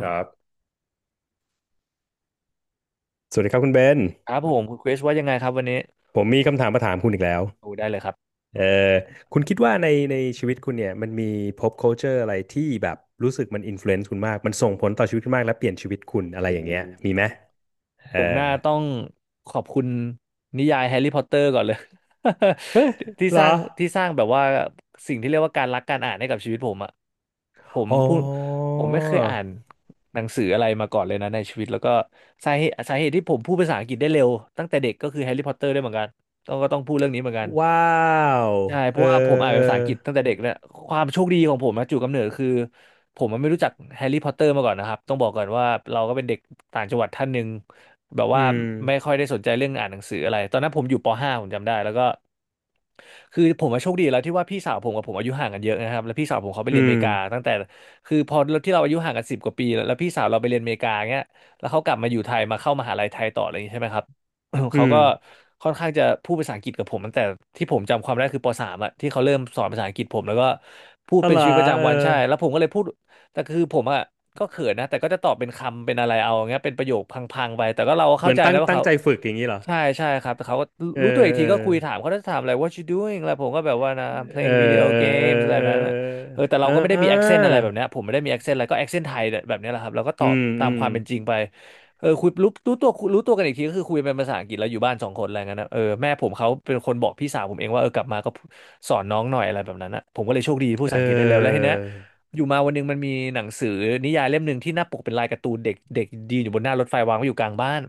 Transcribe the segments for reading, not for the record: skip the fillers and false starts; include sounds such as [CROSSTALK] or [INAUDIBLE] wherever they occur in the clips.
ครับสวัสดีครับคุณเบนครับผมคุณคริสว่ายังไงครับวันนี้ผมมีคำถามมาถามคุณอีกแล้วโอ้ได้เลยครับเออคุณคิดว่าในชีวิตคุณเนี่ยมันมี pop culture อะไรที่แบบรู้สึกมัน influence คุณมาก มันส่งผลต่อชีวิตคุณมากและเปลี่ยนชีวิตคุณอะไรโออย่างเงี้ยมี้ ไหมเอผอมน่าต้องขอบคุณนิยายแฮร์รี่พอตเตอร์ก่อนเลย [LAUGHS] ที่เหรสร้าอ งที่สร้างแบบว่าสิ่งที่เรียกว่าการรักการอ่านให้กับชีวิตผมอะผมอ๋พูดอ ผมไม่เคยอ่านหนังสืออะไรมาก่อนเลยนะในชีวิตแล้วก็สาเหตุที่ผมพูดภาษาอังกฤษได้เร็วตั้งแต่เด็กก็คือแฮร์รี่พอตเตอร์ด้วยเหมือนกันต้องพูดเรื่องนี้เหมือนกันว้าวใช่เพเอราะว่าผมออ่านเอเป็นภาษาออังกฤษตั้งแต่เด็กเนี่ยความโชคดีของผมนะจุดกำเนิดคือผมมันไม่รู้จักแฮร์รี่พอตเตอร์มาก่อนนะครับต้องบอกก่อนว่าเราก็เป็นเด็กต่างจังหวัดท่านหนึ่ง แบบอืว่าม ไม่ค่อยได้สนใจเรื่องอ่านหนังสืออะไรตอนนั้นผมอยู่ป .5 ผมจำได้แล้วก็คือผมมาโชคดีแล้วที่ว่าพี่สาวผมกับผมอายุห่างกันเยอะนะครับแล้วพี่สาวผมเขาไปอืเรียนอเมม ริกาตั้งแต่คือพอที่เราอายุห่างกันสิบกว่าปีแล้วแล้วพี่สาวเราไปเรียนอเมริกาเงี้ยแล้วเขากลับมาอยู่ไทยมาเข้ามหาลัยไทยต่ออะไรอย่างนี้ใช่ไหมครับ [COUGHS] เขาอืมก็ค่อนข้างจะพูดภาษาอังกฤษกับผมตั้งแต่ที่ผมจำความได้คือป .3 อะที่เขาเริ่มสอนภาษาอังกฤษผมแล้วก็พูดอ๋อเป็นเหรอชีวิตประเออจำวันใช่แล้วผมก็เลยพูด แต่คือผมอ่ะก็เขินนะแต่ก็จะตอบเป็นคำเป็นอะไรเอาอย่างเงี้ยเป็นประโยคพังๆไปแต่ก็เราก็เหเข้ามือนใจนะว่าตั้งเขาใจฝึกอย่างนี้เหรอ ใช่ใช่ครับแต่เขาก็เออ รู้ตัวอีกเอทีอก็คุยถามเขาจะถามอะไร what you doing แล้วผมก็แบบว่านะ I'm เออ playing video เออเออ games อะไรแบเอบอนั้นอะเออแต่เราก็ไม่ได้เออ มี accent อะไรแบบเนี้ยผมไม่ได้มี accent อะไรก็ accent ไทยแบบเนี้ยแหละครับเราก็ตอือบมตาอืมคมวามเป็นจริงไปเออคุยรู้ตัวกันอีกทีก็คือคุยเป็นภาษาอังกฤษแล้วอยู่บ้านสองคนอะไรเงี้ยนะเออแม่ผมเขาเป็นคนบอกพี่สาวผมเองว่าเออกลับมาก็สอนน้องหน่อยอะไรแบบนั้นนะผมก็เลยโชคดีพูดเภาษาอังกฤษได้แล้วแล้วทีออเนี้ย อยู่มาวันหนึงมันมีหนังสือนิยายเล่มหนึ่งที่หน้าปกเป็นลายการ์ตูนเด็กเด็กยืนอยู่บนหน้ารถไฟวางไว้อยู่กลางบ้าน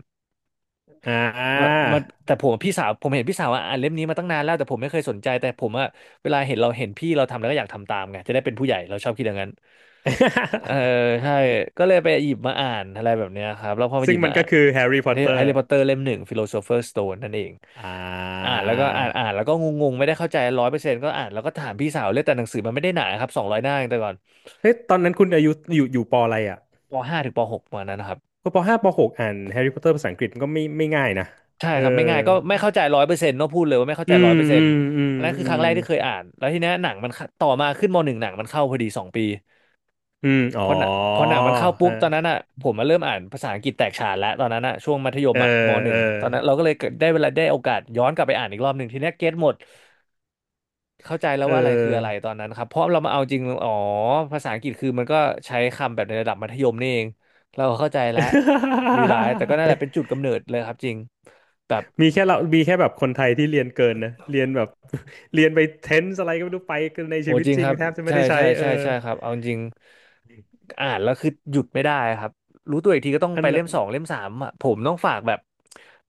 อ่มันา มันแต่ผมกับพี่สาวผมเห็นพี่สาวอ่ะอ่านเล่มนี้มาตั้งนานแล้วแต่ผมไม่เคยสนใจแต่ผมอ่ะเวลาเห็นเราเห็นพี่เราทำแล้วก็อยากทำตามไงจะได้เป็นผู้ใหญ่เราชอบคิดอย่างนั้นเออ [LAUGHS] ใช่ก็เลยไปหยิบมาอ่านอะไรแบบเนี้ยครับแล้วพอไปหซึ่ยิงบมัมานอ่าก็นคือแฮร์รี่แฮพอตเตอร์ร์รี่พอตเตอร์เล่มหนึ่งฟิโลโซเฟอร์สโตนนั่นเองอ่อ่านาแล้วก็อ่านแล้วก็งงๆไม่ได้เข้าใจร้อยเปอร์เซ็นต์ก็อ่านแล้วก็ถามพี่สาวเลยแต่หนังสือมันไม่ได้หนาครับ200 หน้าเองแต่ก่อนเฮ้ยตอนนั้นคุณอายุอยู่ปออะไรอ่ะปห้าถึงปหกประมาณนั้นนะครับ ก็ปห้าปหกอ่านแฮร์รี่พอตเตอร์ภาษาอังกฤษมันก็ไม่ง่ายนะใช่เออครับไม่ง่ายก็ไม่เข้าใจร้อยเปอร์เซ็นต์เนาะพูดเลยว่าไม่เข้าอืใจร้อยมเปอร์เซ็อืนต์มอืมอันนั้นคืออืครั้งมแรกที่เคยอ่านแล้วทีเนี้ยหนังมันเข้าต่อมาขึ้นมหนึ่งหนังมันเข้าพอดี2 ปีอืมอ๋อพอหนังมันเข้าเอปุ๊บตอนนั้นออ่ะผมมาเริ่มอ่านภาษาอังกฤษแตกฉานแล้วตอนนั้นอ่ะช่วงมัธยมเออ่ะมอหนึ่เอองตอนนั้นเราก็เลยเกิดได้เวลาได้โอกาสย้อนกลับไปอ่านอีกรอบหนึ่งทีเนี้ยเก็ตหมดเข้าใจแล้วเว่าอะไรคืออะไรอตอนนั้นครับเพราะเรามาเอาจริงอ๋อภาษาอังกฤษคือมันก็ใช้คำแบบในระดับมัธยมนี่เองเราเข้าใจแล้วรีไลซ์แต่ก็นั่นอ แหละเป็น [LAUGHS] จุดกำเนิดเลยครับจริงแบบ มีแค่เรามีแค่แบบคนไทยที่เรียนเกินนะ เรียนแบบ [LAUGHS] เรียนไปเทนส์อะไรก็ไม่รู้ไปกันในโอ้ชีวิตจริงจริคงรับแทบจะไม่ใช่ได้ใช้ใช่เออใช่ใช่ครับเอาจริงอ่านแล้วคือหยุดไม่ได้ครับรู้ตัวอีกทีก็ต้องขไปนาเล่ดมสองเล่มสามอ่ะผมต้องฝากแบบ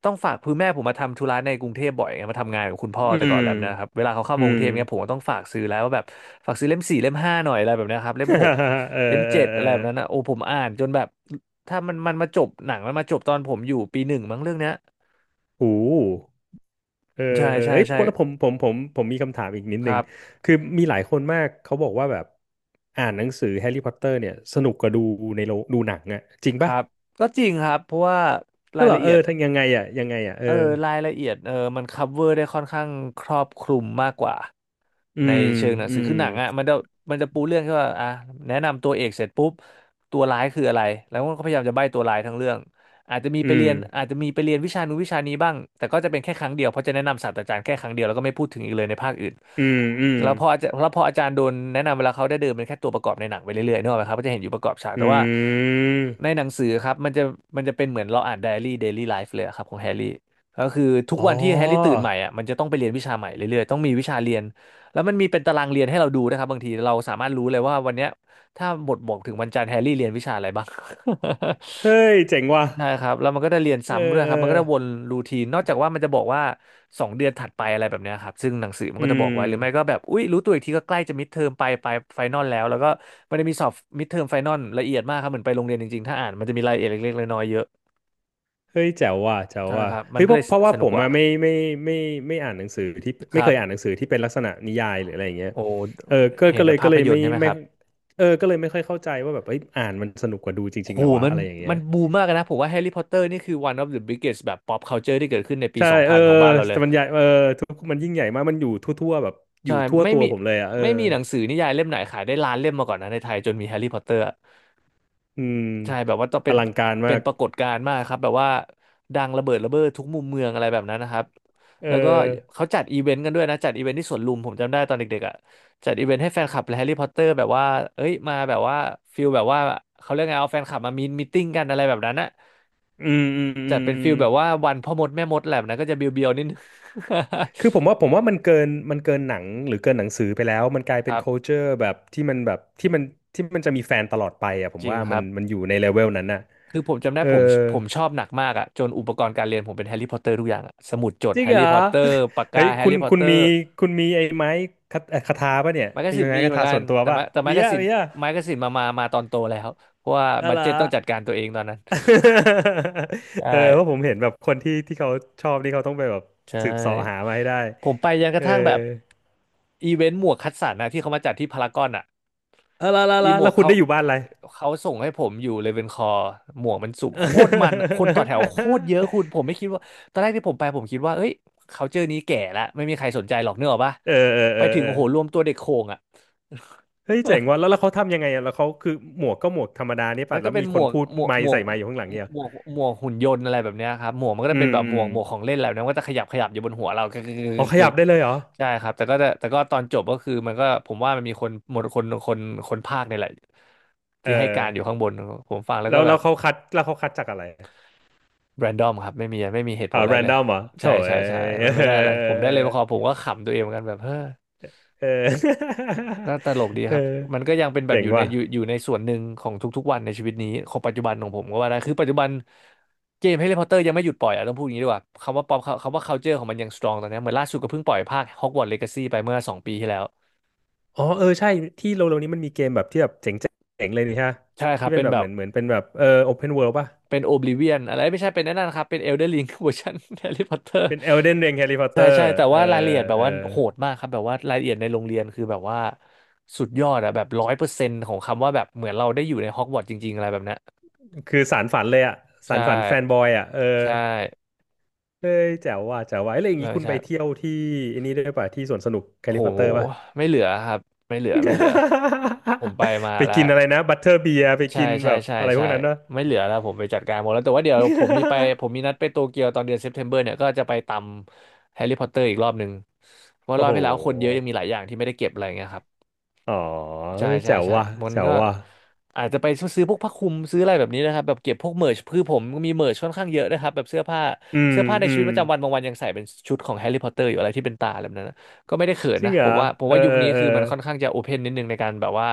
ต้องฝากคือแม่ผมมาทำธุระในกรุงเทพบ่อยไงมาทำงานกับคุณพ่ออืแต่ก่อมนแล้วนะครับเวลาเขาเข้าอืมากรุงม เทพเงี้ยผมก็ต้องฝากซื้อแล้วว่าแบบฝากซื้อเล่มสี่เล่มห้าหน่อยอะไรแบบเนี้ยครับเล่ [LAUGHS] มหกเออเล่มเออเจ็ดเออะอไรแบบนั้นนะโอ้ผมอ่านจนแบบถ้ามันมาจบหนังมันมาจบตอนผมอยู่ปีหนึ่งมั้งเรื่องเนี้ยโอ้โหูเออใช่เออใช่เอ้ยใช่แล้วผมมีคำถามอีกนิดคนึง รับคือมีหลายคนมากเขาบอกว่าแบบอ่านหนังสือแฮร์รี่พอตเตอร์เนี่ยสนุกกว่าดูในโรงดูหนังอะจริงคปะรับก็จริงครับเพราะว่าเฮ้รายยเหรอละเอเอีอยด ทั้งยังไงอะยังไงอะเออเออรายละเอียดมันคัฟเวอร์ได้ค่อนข้างครอบคลุมมากกว่าอืในมเชิงหนังอืสือคืมอหนังอ่ะมันจะปูเรื่องแค่ว่าอ่ะแนะนำตัวเอกเสร็จปุ๊บตัวร้ายคืออะไรแล้วมันก็พยายามจะใบ้ตัวร้ายทั้งเรื่องอาจจะมีไปอืมเรียนอาจจะมีไปเรียนวิชานู้นวิชานี้บ้างแต่ก็จะเป็นแค่ครั้งเดียวเพราะจะแนะนำศาสตราจารย์แค่ครั้งเดียวแล้วก็ไม่พูดถึงอีกเลยในภาคอื่นอืมอืม แล้วพออาจารย์แล้วพออาจารย์โดนแนะนำเวลาเขาได้เดินเป็นแค่ตัวประกอบในหนังไปเรื่อยๆนึกออกไหมครับก็จะเห็นอยู่ประกอบฉากอืแต่ว่าในหม นังสือครับมันจะเป็นเหมือนเราอ่านไดอารี่เดลี่ไลฟ์เลยอะครับของแฮร์รี่ ก็คือทุกอ๋วัอ นที่แฮร์รี่ตื่นใหม่อ่ะมันจะต้องไปเรียนวิชาใหม่เรื่อยๆต้องมีวิชาเรียนแล้วมันมีเป็นตารางเรียนให้เราดูนะครับบางทีเราสามารถรู้เลยว่าวันเนี้ยถ้าบทบอกถึงวันจันทร์แฮร์รี่เรียนวิชาอะไรบ้าง [LAUGHS] เฮ้ยเจ๋งว่ะใช่ครับแล้วมันก็ได้เรียนเออซ้ำด้วยเอคอรับมันก็ได้วนรูทีนนอกจากว่ามันจะบอกว่าสองเดือนถัดไปอะไรแบบเนี้ยครับซึ่งหนังสือมันอืก็จะบอมกไว้หรือไม่ก็แบบอุ๊ยรู้ตัวอีกทีก็ใกล้จะมิดเทอมไปไฟนอลแล้วแล้วก็มันจะมีสอบมิดเทอมไฟนอลละเอียดมากครับเหมือนไปโรงเรียนจริงๆถ้าอ่านมันจะมีรายละเอียดเล็กๆน้อยๆเยอะเฮ้ยแจ๋วว่ะแจ๋วใช่ว่ะครับมัเฮ้นยก็เพเลราะยว่าสผนุกมกว่าอะไม่ไม่อ่านหนังสือที่คไม่รัเคบ ยอ่านหนังสือที่เป็นลักษณะนิยายหรืออะไรอย่างเงี้ยโอ้เออเห็นแต่ก็ภาพเลยยนตไม่ร์ใช่ไหมคไม่รับเออก็เลยไม่ค่อยเข้าใจว่าแบบเอ้ยอ่านมันสนุกกว่าดูจริงโหๆเหรอวะมันอะไรอย่างเงี้มัยนบูมมากนะผมว่าแฮร์รี่พอตเตอร์นี่คือ one of the biggest แบบ pop culture ที่เกิดขึ้นในปีใช่เออ2000ของบ้านเราเลแต่ยมันใหญ่เออทุกมันยิ่งใหญ่มากมันอยู่ทั่วๆแบบอใช่ยู่ทั่วไม่ตัวมีผมเลยอะเออไม่มีหนังสือนิยายเล่มไหนขายได้ล้านเล่มมาก่อนนะในไทยจนมีแฮร์รี่พอตเตอร์ อืมใช่แบบว่าต้องอเป็นลังการเป็มานกปรากฏการณ์มากครับแบบว่าดังระเบิดระเบ้อทุกมุมเมืองอะไรแบบนั้นนะครับเอแล้วก็อเขาจัดอีเวนต์กันด้วยนะจัดอีเวนต์ที่สวนลุมผมจำได้ตอนเด็กๆอ่ะจัดอีเวนต์ให้แฟนคลับแฮร์รี่พอตเตอร์แบบว่าเอ้ยมาแบบว่าฟิลแบบว่าเขาเรียกไงเอาแฟนคลับมามีตติ้งกันอะไรแบบนั้นอะอืมอืมอืจัดมเป็นอืฟิม ลแบบว่าวันพ่อมดแม่มดแหละนะก็จะเบียวๆนิดนึง คือผมว่ามันเกินมันเกินหนังหรือเกินหนังสือไปแล้วมันกลาย [LAUGHS] คเป็น รับ culture แบบที่มันที่มันจะมีแฟนตลอดไปอ่ะผจมริงว่าคมัรันบมันอยู่ในเลเวลนั้นน่ะคือผมจำได้เออผมชอบหนักมากอะจนอุปกรณ์การเรียนผมเป็นแฮร์รี่พอตเตอร์ทุกอย่างอะสมุดจดจริแฮงร์เหรรี่อ พอตเตอร์ปาก [LAUGHS] เฮ้กายแฮร์รี่พอตคุเตณอมีร์ ไอ้ไม้คาคาถาป่ะเนี่ยไมกกามีสินไม้มีคาเหมือนถากัส่นวนตัวแต่ป่ะไม้แต่ไมมีกกาอะซินมีอะมาตอนโตแล้วเพราะว่าอะบัดไรเจ็ตอ ต้องจัดการตัวเองตอนนั้น [LAUGHS] ใช่เออเพราะผมเห็นแบบคนที่เขาชอบนี่เขาต้องไปแบบใช่สืบเสาะหามาให้ได้ผมไปยังกเอระอทั่งแบบอีเวนต์หมวกคัดสรรนะที่เขามาจัดที่พารากอนอ่ะเอออีละหมวแล้กวคุณเขาได้อยู่บ้านอะไร เขาส่งให้ผมอยู่เลเวนคอร์หมวกมันสูบโคตรมันคนต่อแถวโคตรเยอะ [LAUGHS] คุณผมไม่คิดว่าตอนแรกที่ผมไปผมคิดว่าเอ้ยเขาเจอนี้แก่ละไม่มีใครสนใจหรอกเนกอะปะเออเออไปเออถึงเออโอ้โหรวมตัวเด็กโข่งอ่ะ เฮ้ยเจ๋งว่ะแล้วเขาทำยังไงอ่ะแล้วเขาคือหมวกก็หมวกธรรมดานี่มัป่ะนก็แล้วเป็นมีคนพูดไมค์ใส่ไมค์อยู่ข้างหลังเนี่ยเหรอหมวกหุ่นยนต์อะไรแบบเนี้ยครับหมวกมันก็อืจะเป็นมแบบอืมหมวกของเล่นอะไรแบบนั้นมันก็จะขยับขยับอยู่บนหัวเรากึกกึกกึอ๋อกขกึยักบได้เลยเหรอใช่ครับแต่ก็จะแต่ก็ตอนจบก็คือมันก็ผมว่ามันมีคนหมดคนภาคเนี่ยแหละเออที่ให้การอยู่ข้างบนผมฟังแล้วก็แบบแล้วเขาคัดจากอะไรแรนดอมครับไม่มีเหตุผอ่าลอะแรไรนเลดยอมเหรอโถ่ใช่เอ้ใช่ใช่มันไม่ได้อะไรผยมได้เลยพอผมก็ขำตัวเองเหมือนกันแบบเฮ้อ เออ [LAUGHS] เออก็ตลกดีเอคอรับมันก็ยังเป็นแบบเจ๋งว่ะอยู่ในส่วนหนึ่งของทุกๆวันในชีวิตนี้ของปัจจุบันของผมก็ว่าได้คือปัจจุบันเกม Harry Potter ยังไม่หยุดปล่อยอ่ะต้องพูดอย่างนี้ดีกว่าคำว่าป๊อปคำว่า culture ของมันยัง strong ตอนนี้เหมือนล่าสุดก็เพิ่งปล่อยภาค Hogwarts Legacy ไปเมื่อ2 ปีที่แล้วอ๋อเออใช่ที่เร็วๆนี้มันมีเกมแบบที่แบบเจ๋งเจ๋งเลยนี่ฮะใช่ครัที่บเป็นเป็นแบบแบบเหมือนเป็นแบบเออโอเพนเวิลด์ป่ะเป็น Oblivion อะไรไม่ใช่เป็นนั่นนะครับเป็น Elden Ring เวอร์ชัน [LAUGHS] Harry Potter เป็น Elden Ring Harry ใช่ Potter ใช่แต่เอว่ารายละเอีอยดแบบเออ ว่าโหดมากครับแบบว่ารายละเอียดในโรงเรียนคือแบบว่าสุดยอดอะแบบ100%ของคำว่าแบบเหมือนเราได้อยู่ในฮอกวอตส์จริงๆอะไรแบบเนี้ย คือสารฝันเลยอะสาใช่รฝันแฟนบอยอะเออใช่เฮ้ยแจ๋วว่ะแจ๋วว่ะเอ้ยแล้วอย่างใช่นี้คุณใช่ไปเที่ยวที่อันนี้ด้วยป่ะที่สวนสนุกแฮร์โหรี่พอตเตอร์ป่ะ ไม่เหลือครับไม่เหลือไม่เหลือผมไปมา [LAUGHS] ไปแล้วกินอะไรนะบัตเตอร์เบียร์ไปใช่กินใช่แบบใช่อะไรพใช่วกนั้นปะ ไม่เหลือแล้วผมไปจัดการหมดแล้วแต่ว่าเดี๋ยวผมมีไป [LAUGHS] ผมมีนัดไปโตเกียวตอนเดือนเซปเทมเบอร์เนี่ยก็จะไปตำแฮร์รี่พอตเตอร์อีกรอบหนึ่งเพราะว่ารโอ้อบโหที่แล้วคนเยอะยังมีหลายอย่างที่ไม่ได้เก็บอะไรเงี้ยครับ อ๋อใช่เฮ้ยใช่แจ๋วใช่ว่ะมันแจ๋วก็ว่ะอาจจะไปซื้อพวกผ้าคลุมซื้ออะไรแบบนี้นะครับแบบเก็บพวกเมิร์ชคือผมมีเมิร์ชค่อนข้างเยอะนะครับแบบเสื้อผ้าอืมเสื้อผ้าในอืชีวิมตประจำวันบางวันยังใส่เป็นชุดของแฮร์รี่พอตเตอร์อยู่อะไรที่เป็นตาอะไรแบบนั้นนะก็ไม่ได้เขินจริงนะเหรผมอว่าผมเออว่ายุคเออนี้เออคือมันค่อนข้างจะโอเพนนิดนึงในการแบบว่า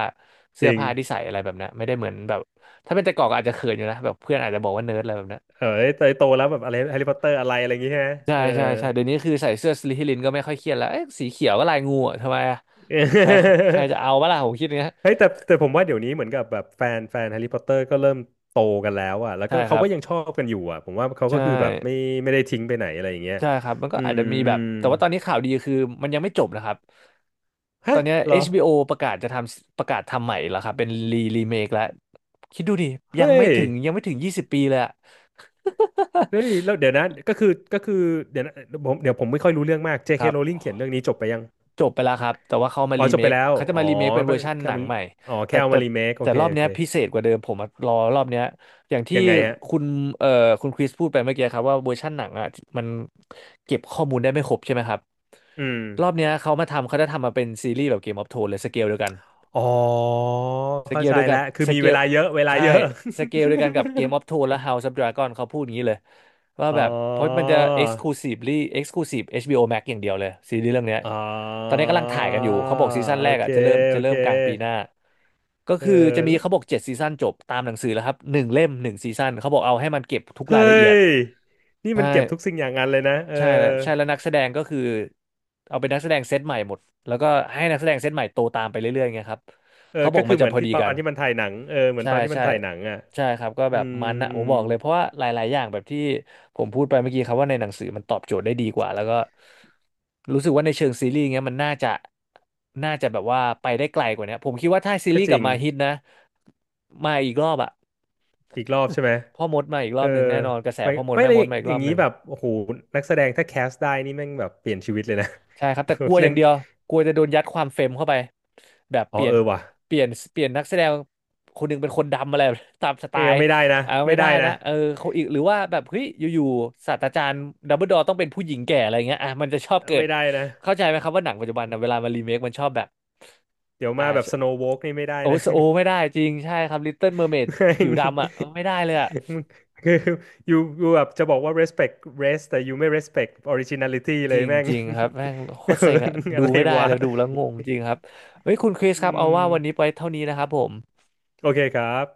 จเสื้อริงผ้าที่ใส่อะไรแบบนั้นไม่ได้เหมือนแบบถ้าเป็นแต่ก่อนก็อาจจะเขินอยู่นะแบบเพื่อนอาจจะบอกว่าเนิร์ดอะไรแบบนั้นเออเอ้ยโตแล้วแบบอะไรแฮร์รี่พอตเตอร์อะไรอะไรอย่างงี้ฮะใช่เออ ใช่ใช่เดี๋ยวนี้คือใส่เสื้อสลิธีรินก็ไม่ค่อยเครียดแล้วเอ๊ะสีเขียวก็ลายงูอะทำไมอะใครใครจะ [LAUGHS] เอาบ้าล่ะผมคิดอย่างเงี้ยเฮ้ยแต่ผมว่าเดี๋ยวนี้เหมือนกับแบบแฟนแฮร์รี่พอตเตอร์ก็เริ่มโตกันแล้วอ่ะแล้วใช่ก็คเขารับก็ยังชอบกันอยู่อ่ะผมว่าเขาใช่ ก็คือแบบไม่ไม่ได้ทิ้งไปไหนอะไรอย่างเงี้ยใช่ครับมันก็อือาจมจะมีอืแบบมแต่ว่าตอนนี้ข่าวดีคือมันยังไม่จบนะครับตฮะอนเนี้ย เหรอ HBO ประกาศทำใหม่แล้วครับเป็นรีเมคแล้วคิดดูดิยังเฮ้ไม่ยถึงยังไม่ถึง20 ปีเลยอะ [LAUGHS] เฮ้ยแล้วเดี๋ยวนะก็คือเดี๋ยวนะผมเดี๋ยวผมไม่ค่อยรู้เรื่องมาก ค J.K. รับ Rowling เขียนเรื่องนี้จบไปยังจบไปแล้วครับแต่ว่าอ๋อจบไปแล้วเขาจะอ๋อมารีเมคเป็นเวอร์ชันแค่หนังมันใหม่อ๋อแต่แค่เอาแต่มารีเมคโอแต่เครอบโอเนี้เคยพิเศษกว่าเดิมผมอะรอรอบเนี้ยอย่างที่ยังไงฮะคุณเอ่อคุณคริสพูดไปเมื่อกี้ครับว่าเวอร์ชันหนังอ่ะมันเก็บข้อมูลได้ไม่ครบใช่ไหมครับ อืมรอบเนี้ยเขาจะทำมาเป็นซีรีส์แบบเกมออฟโทนเลยสเกลเดียวกันอ๋อสเกเข้าลใจเดียวกัแล้นวคือสมีเกเวลลาเยอะเวลาใช่เยอะ สเกลเดียวกันกับเกมออฟโทน [LAUGHS] และ House of Dragon เขาพูดอย่างนี้เลยว่าอ๋แบบเพราะมันอ จะ exclusively exclusive HBO Max อย่างเดียวเลยซีรีส์เรื่องเนี้ยอ๋อตอนนี้กำลังถ่ายกันอยู่เขาบอกซีซั่นโอแรกเคอ่ะจะเริ่มจะโอเริ่เคมกลางปีหน้าก็เออคือจะมีแล้วเขาบอก7 ซีซั่นจบตามหนังสือแล้วครับหนึ่งเล่มหนึ่งซีซั่นเขาบอกเอาให้มันเก็บทุกเฮ้รายละเอียดยนี่ใช่ มันเก็บทุกสิ่งอย่างงั้นเลยนะเออใช่แล้วใช่แล้วนักแสดงก็คือเอาเป็นนักแสดงเซตใหม่หมดแล้วก็ให้นักแสดงเซตใหม่โตตามไปเรื่อยๆไงครับเออเขาบอก็กคือมันเหจะมือพนอที่ดีตอกันนที่มันถ่ายหนังเออเหมือนใช่ตอนที่มันใช่ถ่ายหนังอ่ะใช่ครับก็อืแบบมมันนะอืผมมบอกเลยเพราะว่าหลายๆอย่างแบบที่ผมพูดไปเมื่อกี้ครับว่าในหนังสือมันตอบโจทย์ได้ดีกว่าแล้วก็รู้สึกว่าในเชิงซีรีส์เงี้ยมันน่าจะแบบว่าไปได้ไกลกว่านี้ผมคิดว่าถ้าซีก็รีส์จกลัริบงมาฮิตนะมาอีกรอบอะ อีกรอบใช่ไหม [LAUGHS] พ่อมดมาอีกรเอออบหนึ่งแน่นอนกระแสไม่พ่อมดไม่แม่เลมยดมาอีกอรย่าองบหนี้นึ่ง แบบโอ้โหนักแสดงถ้าแคสได้นี่แม่งแบบเปลี่ยนชีวิตเลยนะ ใช่ครับแต่กลัว [LAUGHS] อเล่ย่านงเดียวกลัวจะโดนยัดความเฟมเข้าไปแบบอ๋เปอลี่ยเอนอว่ะเปลี่ยนเปลี่ยนนักแสดงคนหนึ่งเป็นคนดำอะไร [LAUGHS] ตามสไตนี่ล์ไม่ได้นะเอาไม่ไม่ได้ได้นะนะเออเขาอีกหรือว่าแบบเฮ้ยอยู่ๆศาสตราจารย์ดัมเบิลดอร์ต้องเป็นผู้หญิงแก่อะไรเงี้ยอ่ะมันจะชอบเกิดไม่ได้นะเข้าใจไหมครับว่าหนังปัจจุบันนะเวลามารีเมคมันชอบแบบเดี๋ยวมาอ่าแบบสโนว์ a l กนี่ไม่ได้โอโหนะ โอไม่ได้ [LAUGHS] จริงใช่ครับลิตเติ้ลเมอร์เมดแม่ผิง วดำอ่ะเออไม่ได้เลยอ่ะ มึง [LAUGHS] คือ you แบบจะบอกว่า respect rest แต่ you ไม่ respect originality จเลยริงแม่ง จริงครับแม่งโคตรเซ็งอะ [LAUGHS] ดูอะไรไม่ได้วะเลยดูแล้วงงจริงครับเฮ้ยคุณคริสอืครับเอาว่ามวันนี้ไปเท่านี้นะครับผมโอเคครับ